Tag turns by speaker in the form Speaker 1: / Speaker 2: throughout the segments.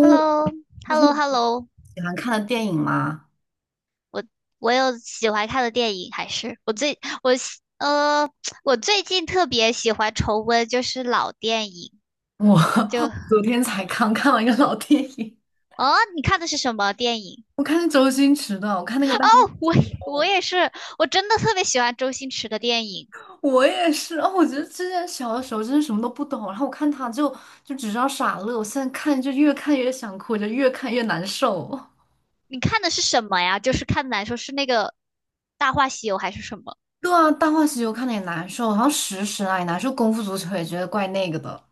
Speaker 1: h e l l o h
Speaker 2: 最
Speaker 1: e l l o h
Speaker 2: 近
Speaker 1: e l l o
Speaker 2: 喜欢看的电影吗？
Speaker 1: 我我有喜欢看的电影，还是我最我喜呃，我最近特别喜欢重温就是老电影，
Speaker 2: 我
Speaker 1: 就
Speaker 2: 昨天才刚看了一个老电影，
Speaker 1: 哦，你看的是什么电影？
Speaker 2: 我看周星驰的，我看那个《大
Speaker 1: 哦，
Speaker 2: 话
Speaker 1: 我
Speaker 2: 西
Speaker 1: 也
Speaker 2: 游》。
Speaker 1: 我也是，我真的特别喜欢周星驰的电影。
Speaker 2: 我也是哦，我觉得之前小的时候真是什么都不懂，然后我看他就只知道傻乐，我现在看就越看越想哭，就越看越难受。
Speaker 1: 你看的是什么呀？就是看的来说是那个《大话西游》还是什么？
Speaker 2: 对啊，《大话西游》看的也难受，然后《食神》啊也难受，《功夫足球》也觉得怪那个的。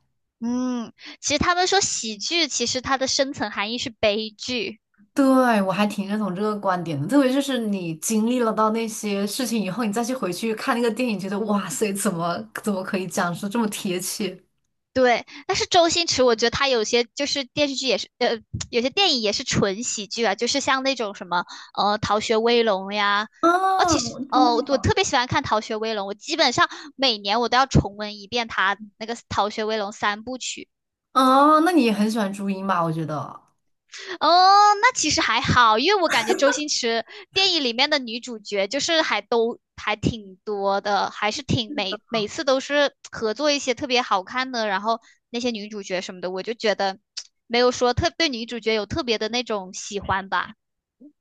Speaker 1: 嗯，其实他们说喜剧，其实它的深层含义是悲剧。
Speaker 2: 对，我还挺认同这个观点的，特别就是你经历了到那些事情以后，你再去回去看那个电影，觉得哇塞，怎么可以讲述这么贴切？
Speaker 1: 对，但是周星驰，我觉得他有些就是电视剧也是，有些电影也是纯喜剧啊，就是像那种什么，《逃学威龙》呀，哦，
Speaker 2: 啊，
Speaker 1: 其
Speaker 2: 我
Speaker 1: 实，
Speaker 2: 真的
Speaker 1: 哦，我
Speaker 2: 吗？
Speaker 1: 特别喜欢看《逃学威龙》，我基本上每年我都要重温一遍他那个《逃学威龙》三部曲。
Speaker 2: 哦，那你也很喜欢朱茵吧？我觉得，
Speaker 1: 哦，那其实还好，因为我感觉周星驰电影里面的女主角就是还都还挺多的，还是挺每次都是合作一些特别好看的，然后那些女主角什么的，我就觉得没有说特对女主角有特别的那种喜欢吧。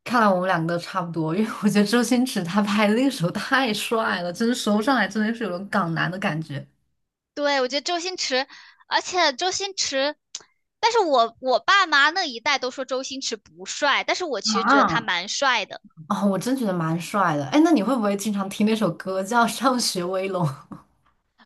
Speaker 2: 看来我们两个都差不多，因为我觉得周星驰他拍的那个时候太帅了，真的说不上来，真的是有种港男的感觉。
Speaker 1: 对，我觉得周星驰，而且周星驰，但是我爸妈那一代都说周星驰不帅，但是我其实觉得他
Speaker 2: 啊，
Speaker 1: 蛮帅的。
Speaker 2: 哦，我真觉得蛮帅的。哎，那你会不会经常听那首歌叫《上学威龙》？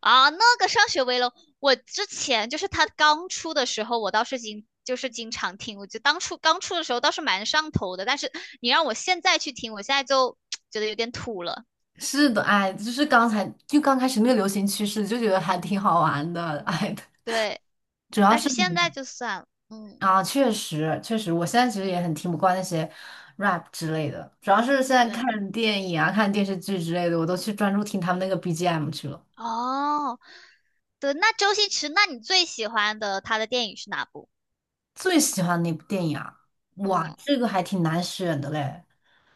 Speaker 1: 啊，那个上学威龙》，我之前就是他刚出的时候，我倒是就是经常听，我就当初刚出的时候倒是蛮上头的，但是你让我现在去听，我现在就 觉得有点土了。
Speaker 2: 是的，哎，就是刚才就刚开始那个流行趋势，就觉得还挺好玩的，哎，
Speaker 1: 对，
Speaker 2: 主要
Speaker 1: 但
Speaker 2: 是
Speaker 1: 是现在就算了，嗯，
Speaker 2: 啊，确实确实，我现在其实也很听不惯那些 rap 之类的，主要是现在
Speaker 1: 对，
Speaker 2: 看电影啊、看电视剧之类的，我都去专注听他们那个 BGM 去了。
Speaker 1: 哦，对，那周星驰，那你最喜欢的他的电影是哪部？
Speaker 2: 最喜欢哪部电影啊？哇，
Speaker 1: 嗯，
Speaker 2: 这个还挺难选的嘞，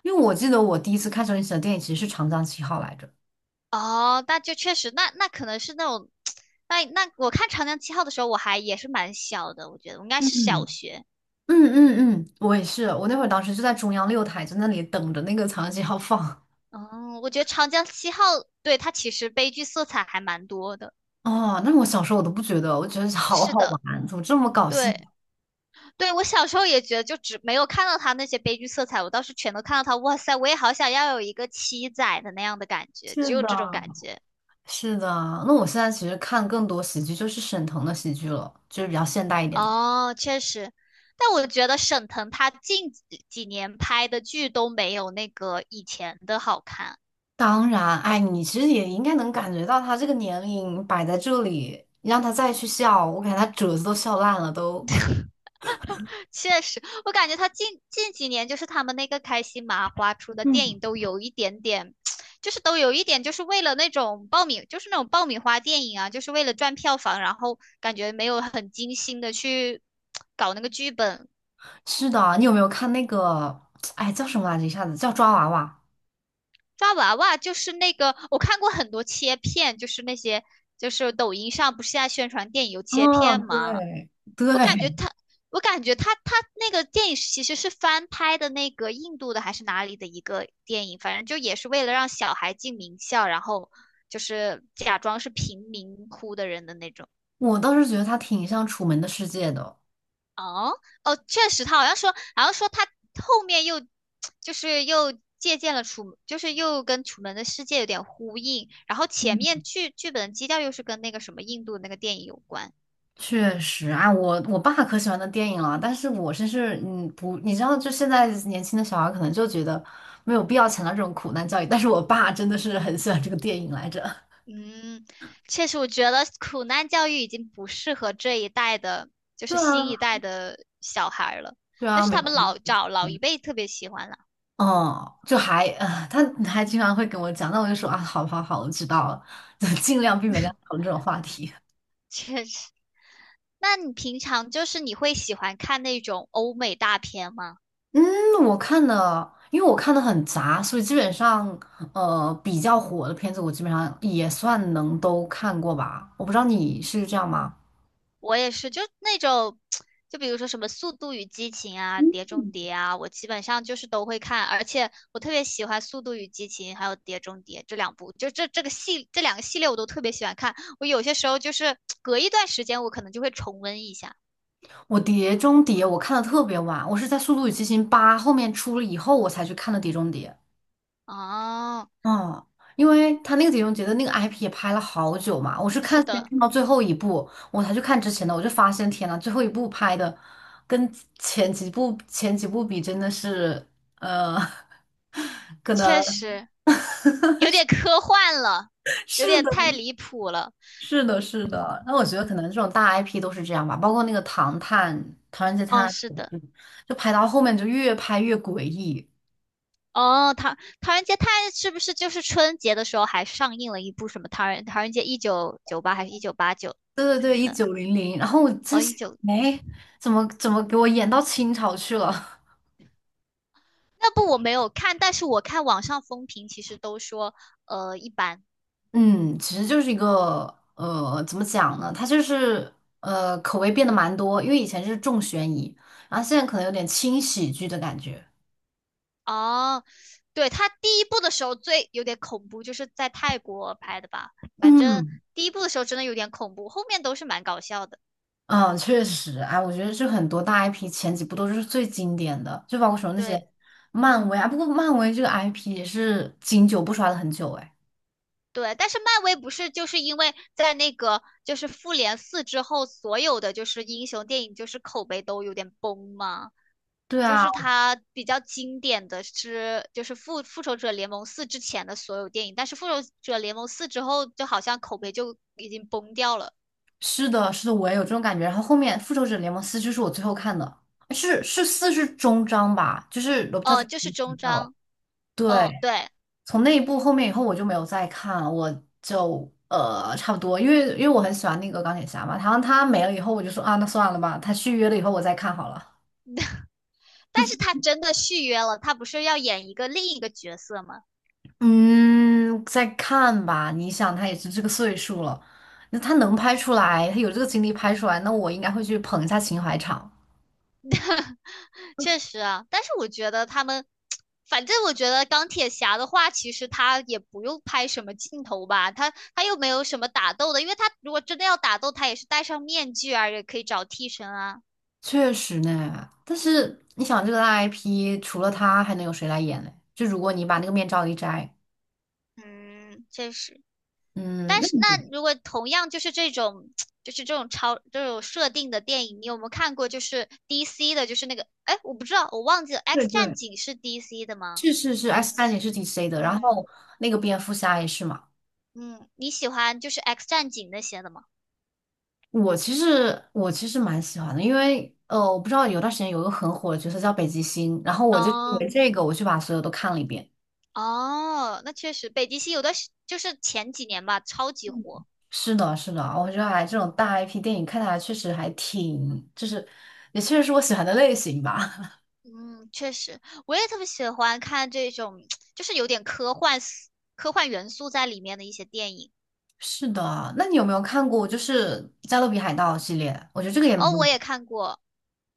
Speaker 2: 因为我记得我第一次看周星驰的电影其实是《长江七号》来着。
Speaker 1: 哦，那就确实，那那可能是那种，那我看《长江七号》的时候，我还也是蛮小的，我觉得我应该是小
Speaker 2: 嗯
Speaker 1: 学。
Speaker 2: 嗯嗯嗯，我也是，我那会儿当时就在中央六台，在那里等着那个《长江七号》放。
Speaker 1: 嗯，我觉得《长江七号》对它其实悲剧色彩还蛮多的。
Speaker 2: 哦，那我小时候我都不觉得，我觉得 好
Speaker 1: 是
Speaker 2: 好
Speaker 1: 的，
Speaker 2: 玩，怎么这么搞笑？
Speaker 1: 对对，我小时候也觉得，就只没有看到他那些悲剧色彩，我倒是全都看到他。哇塞，我也好想要有一个七仔的那样的感觉，
Speaker 2: 是
Speaker 1: 只有
Speaker 2: 的，
Speaker 1: 这种感觉。
Speaker 2: 是的，那我现在其实看更多喜剧，就是沈腾的喜剧了，就是比较现代一点的。
Speaker 1: 哦，确实，但我觉得沈腾他近几年拍的剧都没有那个以前的好看。
Speaker 2: 当然，哎，你其实也应该能感觉到他这个年龄摆在这里，你让他再去笑，我感觉他褶子都笑烂了都。
Speaker 1: 确实，我感觉他近几年就是他们那个开心麻花出的电
Speaker 2: 嗯，
Speaker 1: 影都有一点点，就是都有一点就是为了那种就是那种爆米花电影啊，就是为了赚票房，然后感觉没有很精心的去搞那个剧本。
Speaker 2: 是的，你有没有看那个？哎，叫什么来着？一下子叫抓娃娃。
Speaker 1: 抓娃娃就是那个，我看过很多切片，就是那些就是抖音上不是现在宣传电影有切片
Speaker 2: 嗯，
Speaker 1: 吗？
Speaker 2: 对，对，
Speaker 1: 我感觉他，我感觉他那个电影其实是翻拍的那个印度的还是哪里的一个电影，反正就也是为了让小孩进名校，然后就是假装是贫民窟的人的那种。
Speaker 2: 我倒是觉得他挺像《楚门的世界》的。
Speaker 1: 哦哦，确实，他好像说，好像说他后面又就是又借鉴了就是又跟《楚门的世界》有点呼应，然后前面剧本的基调又是跟那个什么印度那个电影有关。
Speaker 2: 确实啊，我爸可喜欢的电影了，但是我真是不，你知道，就现在年轻的小孩可能就觉得没有必要强调这种苦难教育，但是我爸真的是很喜欢这个电影来着。
Speaker 1: 嗯，确实，我觉得苦难教育已经不适合这一代的，就是
Speaker 2: 对
Speaker 1: 新
Speaker 2: 啊，
Speaker 1: 一代的小孩儿了。
Speaker 2: 对
Speaker 1: 但
Speaker 2: 啊，
Speaker 1: 是
Speaker 2: 没
Speaker 1: 他
Speaker 2: 错。
Speaker 1: 们老找老一辈特别喜欢了，
Speaker 2: 嗯，就还啊、他还经常会跟我讲，那我就说啊，好好好，我知道了，就尽量避免跟他讨论这种话题。
Speaker 1: 确实。那你平常就是你会喜欢看那种欧美大片吗？
Speaker 2: 嗯，我看的，因为我看的很杂，所以基本上，比较火的片子我基本上也算能都看过吧。我不知道你是这样吗？
Speaker 1: 我也是，就那种，就比如说什么《速度与激情》啊，《碟中谍》啊，我基本上就是都会看，而且我特别喜欢《速度与激情》还有《碟中谍》这两部，就这这个系这两个系列我都特别喜欢看。我有些时候就是隔一段时间，我可能就会重温一下。
Speaker 2: 我《碟中谍》我看的特别晚，我是在《速度与激情八》后面出了以后我才去看的《碟中谍》。
Speaker 1: 哦，
Speaker 2: 嗯，因为他那个《碟中谍》的那个 IP 也拍了好久嘛，我是看
Speaker 1: 是
Speaker 2: 先
Speaker 1: 的，
Speaker 2: 看到最后一部，我才去看之前的，我就发现天呐，最后一部拍的跟前几部比真的是，呃，可能。
Speaker 1: 确实有点科幻了，有
Speaker 2: 是
Speaker 1: 点
Speaker 2: 的，
Speaker 1: 太离谱了。
Speaker 2: 是的，是的。那我觉得可能这种大 IP 都是这样吧，包括那个《唐探》《唐人街探
Speaker 1: 哦，
Speaker 2: 案》，
Speaker 1: 是的。
Speaker 2: 就拍到后面就越拍越诡异。
Speaker 1: 哦，《唐人街探案》它是不是就是春节的时候还上映了一部什么唐人街1998》还是1989
Speaker 2: 对对
Speaker 1: 什
Speaker 2: 对，
Speaker 1: 么
Speaker 2: 一
Speaker 1: 的？
Speaker 2: 九零零。然后我在
Speaker 1: 哦，
Speaker 2: 想，哎，怎么给我演到清朝去了？
Speaker 1: 那部我没有看，但是我看网上风评其实都说一般。
Speaker 2: 嗯，其实就是一个怎么讲呢？它就是口味变得蛮多，因为以前是重悬疑，然后现在可能有点轻喜剧的感觉。
Speaker 1: 哦，对，他第一部的时候最有点恐怖，就是在泰国拍的吧？反正
Speaker 2: 嗯，
Speaker 1: 第一部的时候真的有点恐怖，后面都是蛮搞笑的。
Speaker 2: 嗯，确实，哎，我觉得这很多大 IP 前几部都是最经典的，就包括说那些
Speaker 1: 对。
Speaker 2: 漫威啊，不过漫威这个 IP 也是经久不衰了很久，哎，
Speaker 1: 对，但是漫威不是就是因为在那个就是复联四之后，所有的就是英雄电影就是口碑都有点崩吗？
Speaker 2: 对
Speaker 1: 就
Speaker 2: 啊，
Speaker 1: 是它比较经典的是就是复仇者联盟四之前的所有电影，但是复仇者联盟四之后就好像口碑就已经崩掉了。
Speaker 2: 是的，是的，我也有这种感觉。然后后面《复仇者联盟四》就是我最后看的，是四是终章吧，就是罗伯特·唐
Speaker 1: 嗯，就
Speaker 2: 尼
Speaker 1: 是
Speaker 2: 死
Speaker 1: 终
Speaker 2: 掉了。
Speaker 1: 章。
Speaker 2: 对，
Speaker 1: 嗯，对，
Speaker 2: 从那一部后面以后我就没有再看了，我就差不多，因为我很喜欢那个钢铁侠嘛，然后他没了以后我就说啊，那算了吧，他续约了以后我再看好了。
Speaker 1: 但是他真的续约了，他不是要演一个另一个角色吗？
Speaker 2: 嗯，再看吧。你想，他也是这个岁数了，那他能拍出来，他有这个精力拍出来，那我应该会去捧一下情怀场。
Speaker 1: 确实啊，但是我觉得他们，反正我觉得钢铁侠的话，其实他也不用拍什么镜头吧，他又没有什么打斗的，因为他如果真的要打斗，他也是戴上面具啊，也可以找替身啊。
Speaker 2: 确实呢，但是你想，这个大 IP 除了他，还能有谁来演呢？就如果你把那个面罩一摘，
Speaker 1: 嗯，确实。
Speaker 2: 嗯，
Speaker 1: 但
Speaker 2: 那
Speaker 1: 是那
Speaker 2: 你
Speaker 1: 如果同样就是这种，就是这种设定的电影，你有没有看过？就是 DC 的，就是那个，哎，我不知道，我忘记了，
Speaker 2: 对
Speaker 1: 《X 战
Speaker 2: 对，
Speaker 1: 警》是 DC 的吗？
Speaker 2: 是是是
Speaker 1: 还
Speaker 2: ，S
Speaker 1: 是
Speaker 2: 战警是 DC 的，然
Speaker 1: 嗯
Speaker 2: 后那个蝙蝠侠也是嘛。
Speaker 1: 嗯，你喜欢就是《X 战警》那些的吗？
Speaker 2: 我其实蛮喜欢的，因为我不知道有段时间有一个很火的角色叫北极星，然后我就因
Speaker 1: 哦
Speaker 2: 为这个我去把所有都看了一遍。
Speaker 1: 哦，那确实，北极星有的时就是前几年吧，超级火。
Speaker 2: 是的，是的，我觉得还这种大 IP 电影看下来确实还挺，就是也确实是我喜欢的类型吧。
Speaker 1: 嗯，确实，我也特别喜欢看这种，就是有点科幻元素在里面的一些电影。
Speaker 2: 是的，那你有没有看过就是《加勒比海盗》系列？我觉得这个也蛮
Speaker 1: 哦，
Speaker 2: 有名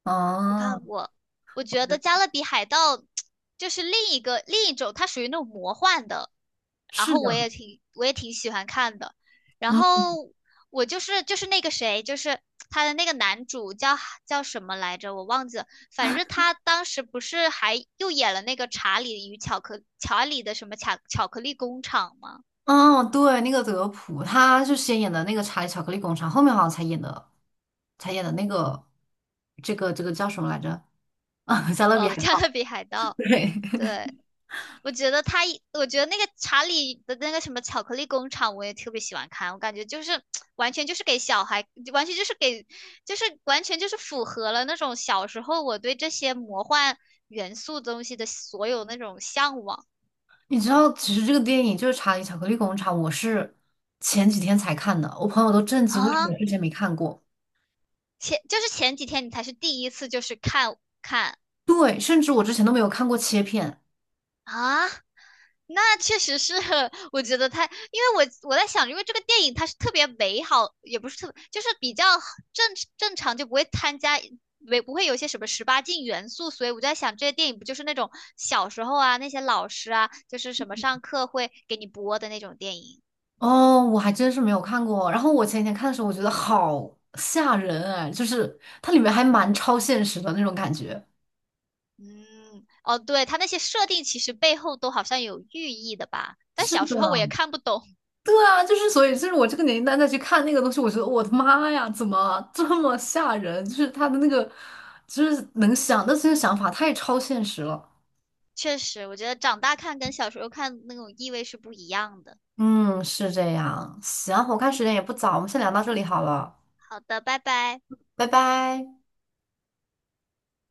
Speaker 2: 的
Speaker 1: 我
Speaker 2: 啊，
Speaker 1: 看过，我觉得《加勒比海盗》就是另一种，它属于那种魔幻的，然
Speaker 2: 是
Speaker 1: 后
Speaker 2: 的，
Speaker 1: 我也挺喜欢看的。然
Speaker 2: 嗯，
Speaker 1: 后我就是那个谁，就是他的那个男主叫什么来着，我忘记了。反正他当时不是还又演了那个查理的什么巧克力工厂吗？
Speaker 2: 哦，对，那个德普，他是先演的那个《查理巧克力工厂》，后面好像才演的，才演的那个，这个这个叫什么来着？啊，《加勒比
Speaker 1: 哦，
Speaker 2: 海
Speaker 1: 加
Speaker 2: 盗》
Speaker 1: 勒比海盗，
Speaker 2: 对，
Speaker 1: 对，我觉得那个查理的那个什么巧克力工厂，我也特别喜欢看，我感觉就是 完全就是给小孩，完全就是给，就是完全就是符合了那种小时候我对这些魔幻元素东西的所有那种向往
Speaker 2: 你知道，其实这个电影就是《查理巧克力工厂》，我是前几天才看的，我朋友都震惊，为什么
Speaker 1: 啊。
Speaker 2: 我之前没看过？
Speaker 1: 就是前几天你才是第一次就是看
Speaker 2: 对，甚至我之前都没有看过切片。
Speaker 1: 啊。那确实是，我觉得他，因为我在想，因为这个电影它是特别美好，也不是特，就是比较正正常，就不会参加，没不会有一些什么十八禁元素，所以我就在想，这些电影不就是那种小时候啊，那些老师啊，就是什么上课会给你播的那种电影。
Speaker 2: 哦，我还真是没有看过。然后我前几天看的时候，我觉得好吓人哎，就是它里面还蛮超现实的那种感觉。
Speaker 1: 嗯，哦，对，它那些设定其实背后都好像有寓意的吧，但
Speaker 2: 是
Speaker 1: 小
Speaker 2: 的，
Speaker 1: 时候我也看不懂。
Speaker 2: 对啊，就是所以，就是我这个年龄段再去看那个东西，我觉得我的妈呀，怎么这么吓人？就是他的那个，就是能想到这些想法太超现实了。
Speaker 1: 确实，我觉得长大看跟小时候看那种意味是不一样的。
Speaker 2: 嗯，是这样。行，我看时间也不早，我们先聊到这里好了，
Speaker 1: 好的，拜拜。
Speaker 2: 拜拜。